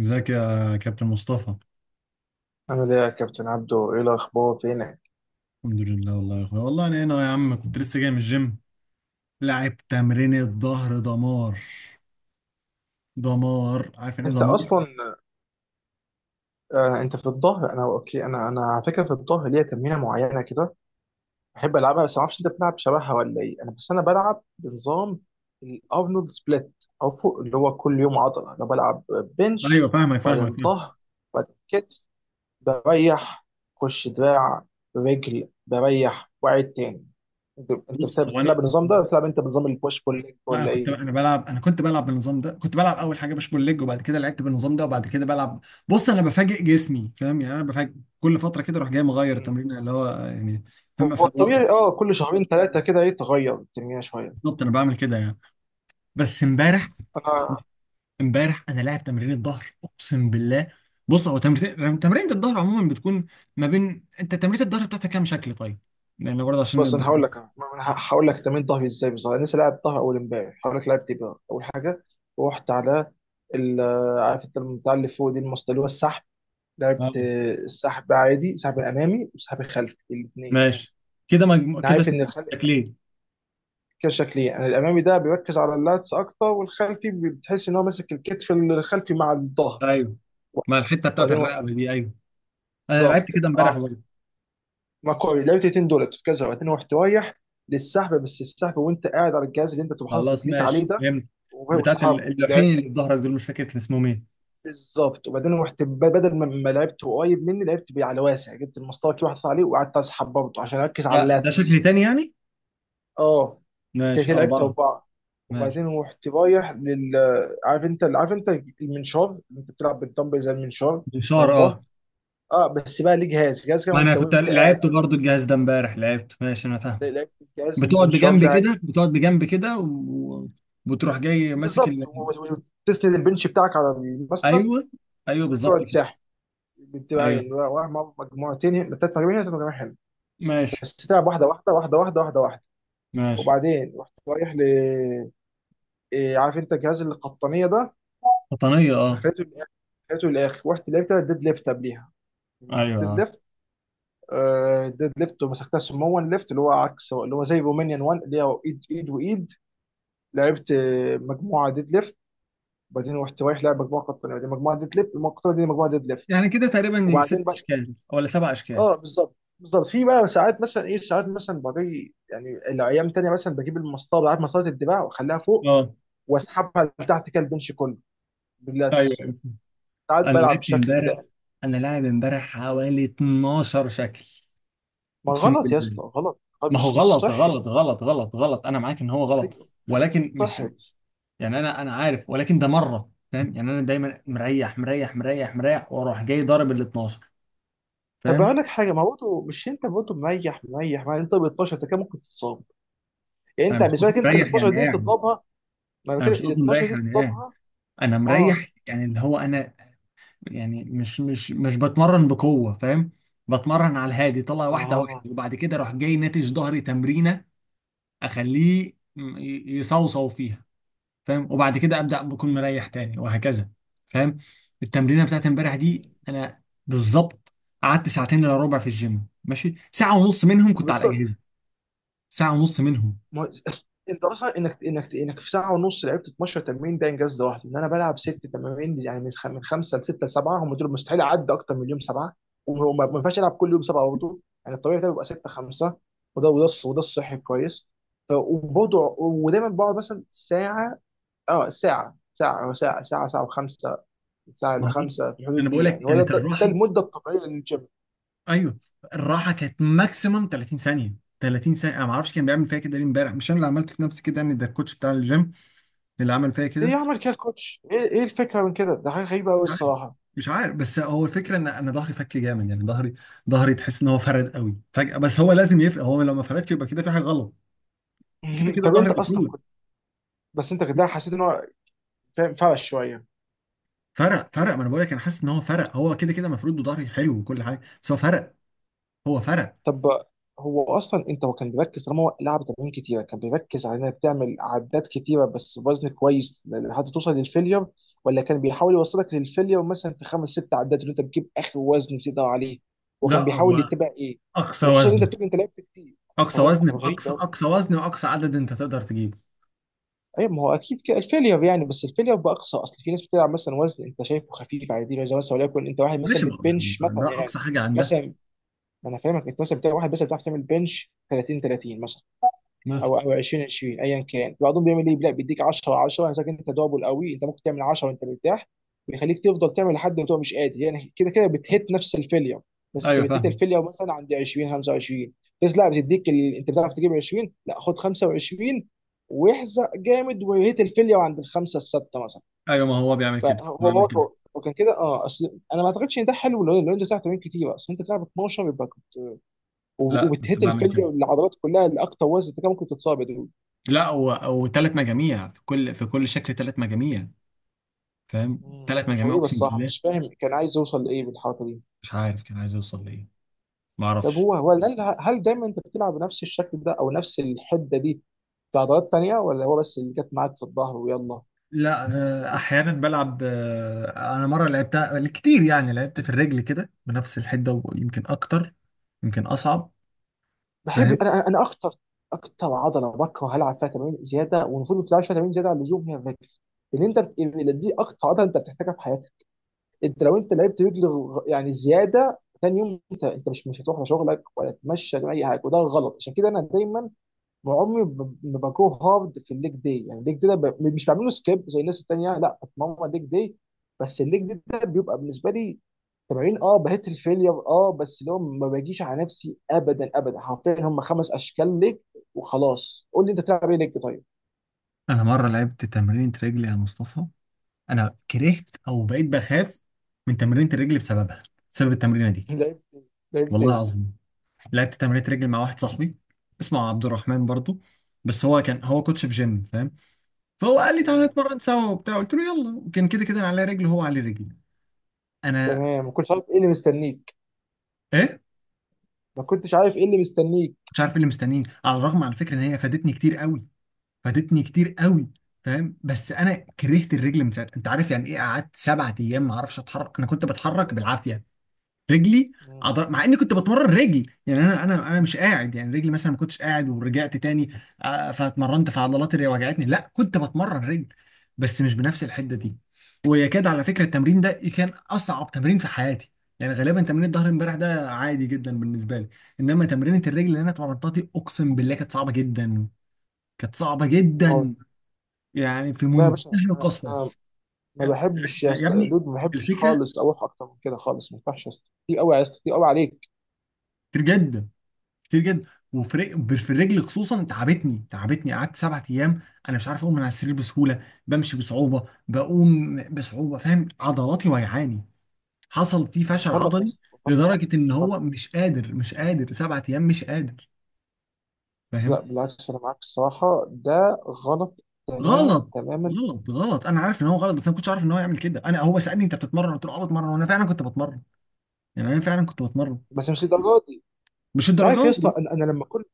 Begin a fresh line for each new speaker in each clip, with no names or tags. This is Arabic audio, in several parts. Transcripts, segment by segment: ازيك يا كابتن مصطفى.
عامل ايه يا كابتن عبدو، ايه الاخبار، فينك؟
الحمد لله والله يا اخويا، والله انا هنا يا عم، كنت لسه جاي من الجيم، لعب تمرين الظهر دمار. دمار، عارف يعني ايه
انت
دمار؟
اصلا آه انت في الظهر. انا اوكي. انا على فكره في الظهر ليا تمرينه معينه كده بحب العبها، بس ما اعرفش انت بتلعب شبهها ولا ايه. انا بس انا بلعب بنظام الارنولد سبليت، او فوق اللي هو كل يوم عضله، انا بلعب بنش
ايوه فاهمك فاهمك
بعدين
فاهمك.
ظهر، بعدين كتف، بريح، خش دراع، رجل، بريح واعد تاني. انت انت
بص، هو
بتلعب
انا
النظام ده ولا بتلعب انت بنظام البوش بول ليج
لا انا
ولا
كنت،
ايه؟
انا كنت بلعب بالنظام ده، كنت بلعب اول حاجه بوش بول ليج، وبعد كده لعبت بالنظام ده، وبعد كده بلعب. بص انا بفاجئ جسمي، فاهم يعني؟ انا بفاجئ كل فتره كده، اروح جاي مغير التمرين، اللي هو يعني، فاهم،
هو
أفوق.
الطبيعي كل شهرين ثلاثه كده، ايه تغير الدنيا شويه.
بالظبط، انا بعمل كده يعني. بس
مم.
امبارح،
انا
امبارح انا لاعب تمرين الظهر اقسم بالله. بص هو تمرين الظهر عموما بتكون ما بين، انت تمرين الظهر بتاعتك كام شكل طيب؟ لان برضه عشان
بس
نبقى
انا
كده.
هقول لك انا أنا ه- هقول لك تمرين ظهري ازاي بالظبط. انا لسه لاعب ظهر اول امبارح، هقول لك لعبت ايه بقى. اول حاجه رحت على ال- عارف انت بتاع اللي فوق دي، المسطره اللي هو السحب. لعبت
اه،
السحب عادي، سحب امامي وسحب خلفي الاثنين.
ماشي، كده
انا
كده
عارف ان
اتنين.
الخلفي
شكلين.
كده شكلين، يعني الامامي ده بيركز على اللاتس اكتر، والخلفي بتحس ان هو ماسك الكتف الخلفي مع الظهر،
ايوه، مع الحته بتاعت
وبعدين واحد
الرقبه دي، ايوه. انا لعبت
بالظبط.
كده امبارح برضه.
ما كويس، لعبت 200 دولار بتتكلم 201 رايح للسحب، بس السحب وانت قاعد على الجهاز اللي انت بتبقى حاطط
خلاص
رجليك عليه
ماشي
ده،
فهمت.
وهو
بتاعت
واصحابه
اللوحين
لعب.
اللي في ظهرك دول، مش فاكر كان اسمهم ايه.
بالظبط. وبعدين رحت بدل ما لعبت قريب مني، لعبت بيه على واسع، جبت المسطره كده واحد صار عليه وقعدت اسحب برضه عشان اركز على
لا ده شكل
اللاتس.
تاني يعني.
اه، كده
ماشي،
كده لعبت
اربعه.
اربعه.
ماشي.
وبعدين رحت رايح عارف انت المنشار اللي انت بتلعب بالدمبل زي المنشار بتاع
بشار، اه.
الظهر. اه، بس بقى ليه جهاز كده
ما انا
وانت
كنت
وانت قاعد،
لعبت برضه الجهاز ده امبارح، لعبت، ماشي، انا فاهم.
لعبت الجهاز
بتقعد
المنشار
بجنب
ده.
كده، بتقعد بجنب كده وبتروح جاي ماسك
بالظبط وتسند البنش بتاعك على المسند،
ايوه، ايوه بالظبط
وتقعد
كده.
تساحب
ايوه،
بالدراعين ومع مجموعتين هنا، ثلاث مجاميع هنا، ثلاث مجاميع، حلو.
ماشي.
بس تلعب واحده واحده واحده واحده واحده واحده.
ماشي.
وبعدين رحت رايح ل إيه، عارف انت جهاز القطنيه ده،
قطنية، اه.
دخلته للاخر، ورحت لعبت الديد ليفت قبليها، جبت
ايوه
الديد
عارف.
ليفت. الديد ليفت ومسكتها سمون ليفت، اللي هو عكس، اللي هو زي رومانيان 1 اللي هو ايد ايد وايد. لعبت مجموعه ديد ليفت، وبعدين رحت رايح لعب مجموعه قطنيه، وبعدين مجموعه ديد ليفت، المجموعه القطنيه دي مجموعه ديد ليفت.
يعني كده تقريبا يجي
وبعدين
ست اشكال ولا سبع اشكال؟
اه بالظبط بالظبط، في بقى ساعات مثلا ساعات مثلا بجي يعني الايام تانية، مثلا بجيب المسطره بتاعت مسطره الدراع واخليها فوق،
اه،
واسحبها لتحت كده البنش كله
ايوه،
باللاتس.
أيوة.
ساعات
انا
بلعب
لعبت
بالشكل
امبارح،
ده.
انا لاعب امبارح حوالي 12 شكل
ما
اقسم
غلط يا
بالله.
اسطى، غلط.
ما هو
مش
غلط
صحي.
غلط غلط غلط غلط انا معاك ان هو غلط،
ايوه،
ولكن مش
صحي.
يعني، انا انا عارف، ولكن ده مره، فاهم يعني؟ انا دايما مريح، واروح جاي ضارب ال 12،
طب
فاهم.
اقول لك حاجه، ما برضه مش انت برضه مريح مريح، ما انت ب 12، انت كده ممكن تتصاب. يعني
انا
انت
مش
بالنسبه لك
قصدي
انت ال
مريح
12
يعني
دي
قاعد،
تضربها، ما أنا
انا
بتكلم
مش
ال
قصدي
12
مريح
دي
يعني قاعد،
تضربها.
انا
اه،
مريح يعني اللي هو انا، يعني مش بتمرن بقوه، فاهم؟ بتمرن على الهادي، طلع واحده
اه.
واحده وبعد كده اروح جاي ناتج ظهري تمرينه، اخليه يصوصو فيها، فاهم؟ وبعد كده ابدا بكون مريح تاني، وهكذا، فاهم. التمرينه بتاعت امبارح دي،
مم.
انا بالظبط قعدت ساعتين الا ربع في الجيم، ماشي، ساعه ونص منهم كنت على
بالظبط.
الاجهزه، ساعه ونص منهم.
ما هو انت اصلا انك في ساعه ونص لعبت 12 تمرين، ده انجاز لوحده، ان انا بلعب ست تمارين، يعني من خمسه لسته لسبعه، هم دول، مستحيل اعدي اكتر من يوم سبعه. وما ما ينفعش العب كل يوم سبعه برضه، يعني الطبيعي بتاعي بيبقى سته خمسه، وده الصحي كويس. وبرضه ودايما بقعد مثلا ساعه، اه ساعه وخمسه، ساعه
ما
الا
هو
خمسه، في
انا
الحدود دي
بقول لك،
يعني، هو ده
كانت
ده,
الراحه،
ده المده الطبيعيه للجيم.
ايوه الراحه كانت ماكسيمم 30 ثانيه، 30 ثانيه. انا ما اعرفش كان بيعمل فيا كده ليه امبارح، مش انا اللي عملت في نفسي كده يعني، ده الكوتش بتاع الجيم اللي عمل فيا
ليه
كده.
يعمل كده الكوتش؟ ايه الفكره من كده؟ ده حاجه غريبه قوي
مش عارف،
الصراحه.
مش عارف، بس هو الفكره ان انا ظهري فك جامد، يعني ظهري، ظهري تحس ان هو فرد قوي فجاه، بس هو لازم يفرق، هو لو ما فردش يبقى كده في حاجه غلط. كده كده
طب
ظهري
انت اصلا
مفروض
بس انت كده حسيت ان هو فاهم، فرش شويه.
فرق، فرق. ما انا بقول لك انا حاسس ان هو فرق، هو كده كده مفروض، وظهري حلو وكل حاجه، بس هو فرق، هو فرق.
طب هو اصلا انت هو كان بيركز، طالما هو لعب تمارين كتيره كان بيركز على انك تعمل عدات كتيره بس بوزن كويس لحد توصل للفيلير، ولا كان بيحاول يوصلك للفيلير مثلا في خمس ست عدات، اللي انت بتجيب اخر وزن بتقدر عليه. هو
لا
كان بيحاول
هو
يتبع ايه؟
اقصى
وخصوصا ان انت
وزن،
بتقول انت لعبت كتير. بس
اقصى
هو وزن
وزن،
انت غريب
باقصى
قوي.
اقصى وزن واقصى عدد انت تقدر تجيبه.
ايوه، ما هو اكيد كده الفيلير يعني، بس الفيلير باقصى، اصل في ناس بتلعب مثلا وزن انت شايفه خفيف عادي، زي مثلا وليكن انت واحد مثلا
ماشي،
بتبنش مثلا
ده
يعني،
اقصى حاجه عندها
مثلا، ما انا فاهمك، انت مثلا بتاع واحد بس بتعرف تعمل بنش 30 30 مثلا،
مثلا.
او 20 20 ايا كان، بعضهم بيعمل ايه، لا بيديك 10 10، انا انت دبل قوي، انت ممكن تعمل 10 وانت مرتاح، بيخليك تفضل تعمل لحد ما تبقى مش قادر، يعني كده كده بتهت نفس الفيلير، بس
ايوه
بتهت
فاهم.
الفيلير مثلا عند 20 25. بس لا بتديك انت بتعرف تجيب 20، لا خد 25، واحزق جامد وهيت الفيلير عند الخمسه السته مثلا.
ايوه ما هو بيعمل كده، كنت
فهو
بعمل كده.
هو هو كان كده، اصل انا ما اعتقدش ان ده حلو، لو انت بتلعب تمارين كتير، اصل انت بتلعب 12 يبقى
لا كنت
وبتهت
بعمل كده.
الفليه والعضلات كلها لاكتر وزن، انت كان ممكن تتصاب يا دود.
لا، وثلاث مجاميع في كل شكل، ثلاث مجاميع، فاهم،
مم.
ثلاث مجاميع
غريبه
اقسم
الصراحه،
بالله.
مش فاهم كان عايز يوصل لايه بالحركه دي.
مش عارف كان عايز يوصل لايه، ما
طب
اعرفش.
هو هل دايما انت بتلعب بنفس الشكل ده او نفس الحده دي في عضلات تانيه، ولا هو بس اللي جت معاك في الظهر ويلا؟
لا، آه، احيانا بلعب، آه، انا مره لعبتها كتير يعني، لعبت في الرجل كده بنفس الحده ويمكن اكتر، يمكن اصعب،
بحب
فاهم.
انا اكتر، اكتر عضله بكره هلعب فيها تمارين زياده والمفروض ما تلعبش فيها تمارين زياده على اللزوم هي الرجل. لان انت دي اكتر عضله انت بتحتاجها في حياتك. انت لو انت لعبت رجل يعني زياده تاني يوم، انت مش هتروح لشغلك ولا تتمشى ولا اي حاجه، وده غلط. عشان كده انا دايما عمري ما بجو هارد في الليج داي. يعني الليج داي ده مش بعمله سكيب زي الناس التانيه، لا بتمرن الليج داي. بس الليج داي ده بيبقى بالنسبه لي تمارين، بهت الفيلير، بس اللي هو ما باجيش على نفسي ابدا ابدا، حرفيا هم خمس اشكال ليج وخلاص. قول لي انت بتلعب ايه ليج طيب.
انا مره لعبت تمرينة رجل يا مصطفى، انا كرهت او بقيت بخاف من تمرينة الرجل بسببها، بسبب التمرينه دي.
لعبت ايه؟ لعبت
والله
ايه.
العظيم لعبت تمرينة رجل مع واحد صاحبي، اسمه عبد الرحمن برضو، بس هو كان، هو كوتش في جيم، فاهم. فهو قال لي تعالى
تمام
نتمرن سوا وبتاع، قلت له يلا، وكان كده كده انا على رجل وهو على رجل. انا،
تمام، ما كنتش عارف ايه اللي مستنيك.
ايه؟
ما كنتش عارف ايه اللي مستنيك.
مش عارف إيه اللي مستنيني، على الرغم على فكره ان هي فادتني كتير قوي، فادتني كتير قوي، فاهم، بس انا كرهت الرجل من ساعتها. انت عارف يعني ايه قعدت سبعة ايام ما اعرفش اتحرك؟ انا كنت بتحرك بالعافيه، رجلي
مم.
مع اني كنت بتمرن رجل، يعني انا انا مش قاعد يعني، رجلي مثلا ما كنتش قاعد ورجعت تاني. آه، فاتمرنت في عضلات اللي وجعتني، لا كنت بتمرن رجل، بس مش بنفس الحده دي. ويكاد على فكره التمرين ده كان اصعب تمرين في حياتي، يعني غالبا تمرين الظهر امبارح ده عادي جدا بالنسبه لي، انما تمرينه الرجل اللي انا اتمرنتها دي اقسم بالله كانت صعبه جدا، كانت صعبه
واو.
جدا، يعني في
لا يا باشا،
منتهى
انا
القسوه.
أنا ما
آه،
بحبش يا
ده يا
اسطى
ابني
دود، ما بحبش
الفكره،
خالص اروح اكتر من كده خالص، ما ينفعش يا اسطى، كتير قوي يا اسطى، كتير قوي عليك.
كتير جدا، كتير جدا، وفي في الرجل خصوصا تعبتني، تعبتني، قعدت سبعة ايام انا مش عارف اقوم من على السرير بسهوله، بمشي بصعوبه، بقوم بصعوبه، فاهم، عضلاتي وجعاني، حصل في فشل
غلط يا
عضلي،
اسطى، غلط
لدرجه ان هو
غلط.
مش قادر، مش قادر سبعة ايام مش قادر،
لا
فاهم.
بالعكس، انا معاك الصراحه ده غلط تماما
غلط،
تماما،
غلط، غلط انا عارف ان هو غلط، بس انا ما كنتش عارف ان هو يعمل كده. انا، هو سالني انت بتتمرن، قلت له اه بتمرن، وانا فعلا كنت بتمرن، يعني انا فعلا كنت بتمرن،
بس مش للدرجه دي.
مش
انت عارف يا
الدرجات دي.
اسطى،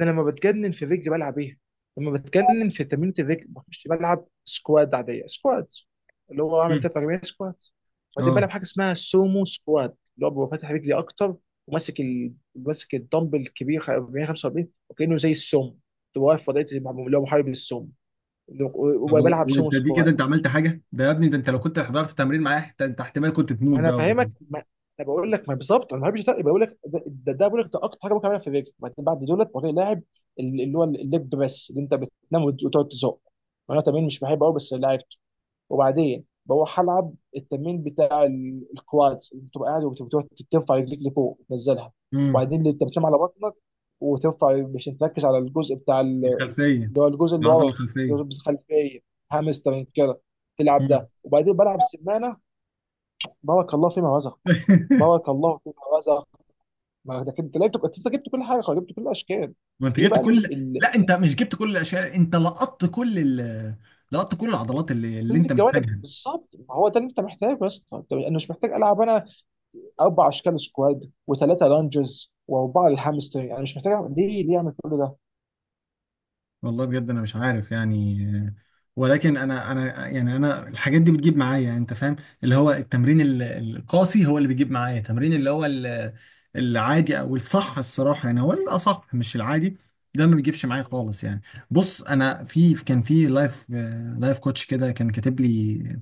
انا لما بتجنن في الرجل بلعب ايه؟ لما بتجنن في تمرينة الرجل مش بلعب سكواد عادية، سكواد اللي هو عامل
م.
تلات أربعين سكواد، وبعدين
اه،
بلعب حاجة اسمها سومو سكواد، اللي هو ببقى فاتح رجلي أكتر، وماسك ماسك الدمبل الكبير 40 45، وكأنه زي السومو، تبقى واقف في وضعية اللي هو محارب للسومو،
طب
وبلعب سومو
وانت دي كده
سكواد.
انت عملت حاجه، ده يا ابني ده انت لو كنت حضرت تمرين معايا حتى، انت احتمال كنت
ما
تموت
انا
بقى ولا
فاهمك،
حاجة.
ما انا بقول لك، ما بالظبط، انا ما بحبش ده، بقول لك ده ده بقول لك ده اكتر حاجه ممكن اعملها في الرجل. بعدين بعد دولت بقى لاعب اللي هو الليج بريس، اللي انت بتنام وتقعد تزق، وانا تمرين مش بحبه قوي بس لعبته. وبعدين بروح العب التمرين بتاع الكوادز، اللي بتبقى قاعد وبتقعد ترفع رجليك لفوق تنزلها.
امم.
وبعدين اللي انت بتنام على بطنك وترفع، مش تركز على الجزء بتاع
الخلفيه،
اللي هو الجزء اللي
العضله
ورا،
الخلفيه.
الجزء الخلفيه، هامسترنج كده، تلعب
امم.
ده. وبعدين بلعب سمانه، بارك الله فيما رزق. بارك الله فيما رزق. ما ده كنت، لا، تبقى انت جبت كل حاجه، خلاص، جبت كل الاشكال.
ما انت
ايه
جبت
بقى
كل، لا انت مش جبت كل الاشياء، انت لقطت كل لقطت كل العضلات اللي
كل
انت
الجوانب.
محتاجها.
بالظبط، ما هو ده اللي انت محتاجه يا اسطى. انا مش محتاج العب، انا اربع اشكال سكواد وثلاثه لانجز واربعه للهامستر، انا مش محتاج ليه اعمل كل
والله بجد انا مش عارف يعني، ولكن انا يعني، انا الحاجات دي بتجيب معايا، يعني انت فاهم، اللي هو التمرين القاسي هو اللي بيجيب معايا، التمرين اللي هو العادي او الصح، الصراحه يعني هو الاصح مش العادي، ده ما بيجيبش معايا
ده.
خالص يعني. بص انا في، كان في لايف، لايف كوتش كده كان كاتب لي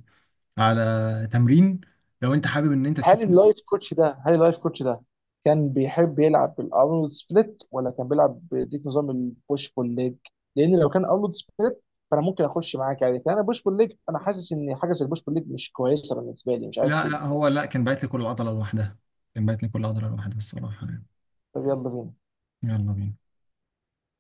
على تمرين، لو انت حابب ان انت
هل
تشوفه.
اللايف كوتش ده كان بيحب يلعب بالارنولد سبليت ولا كان بيلعب بديك نظام البوش بول ليج؟ لان لو كان ارنولد سبليت، فانا ممكن اخش معاك عادي. كان انا بوش بول ليج، انا حاسس ان حاجه زي البوش بول ليج مش كويسه بالنسبه لي، مش عارف
لا
ليه.
هو لا، كان باعت لي كل عضله لوحدها، كان باعت لي كل عضله لوحدها الصراحه يعني.
طب يلا بينا.
يلا بينا.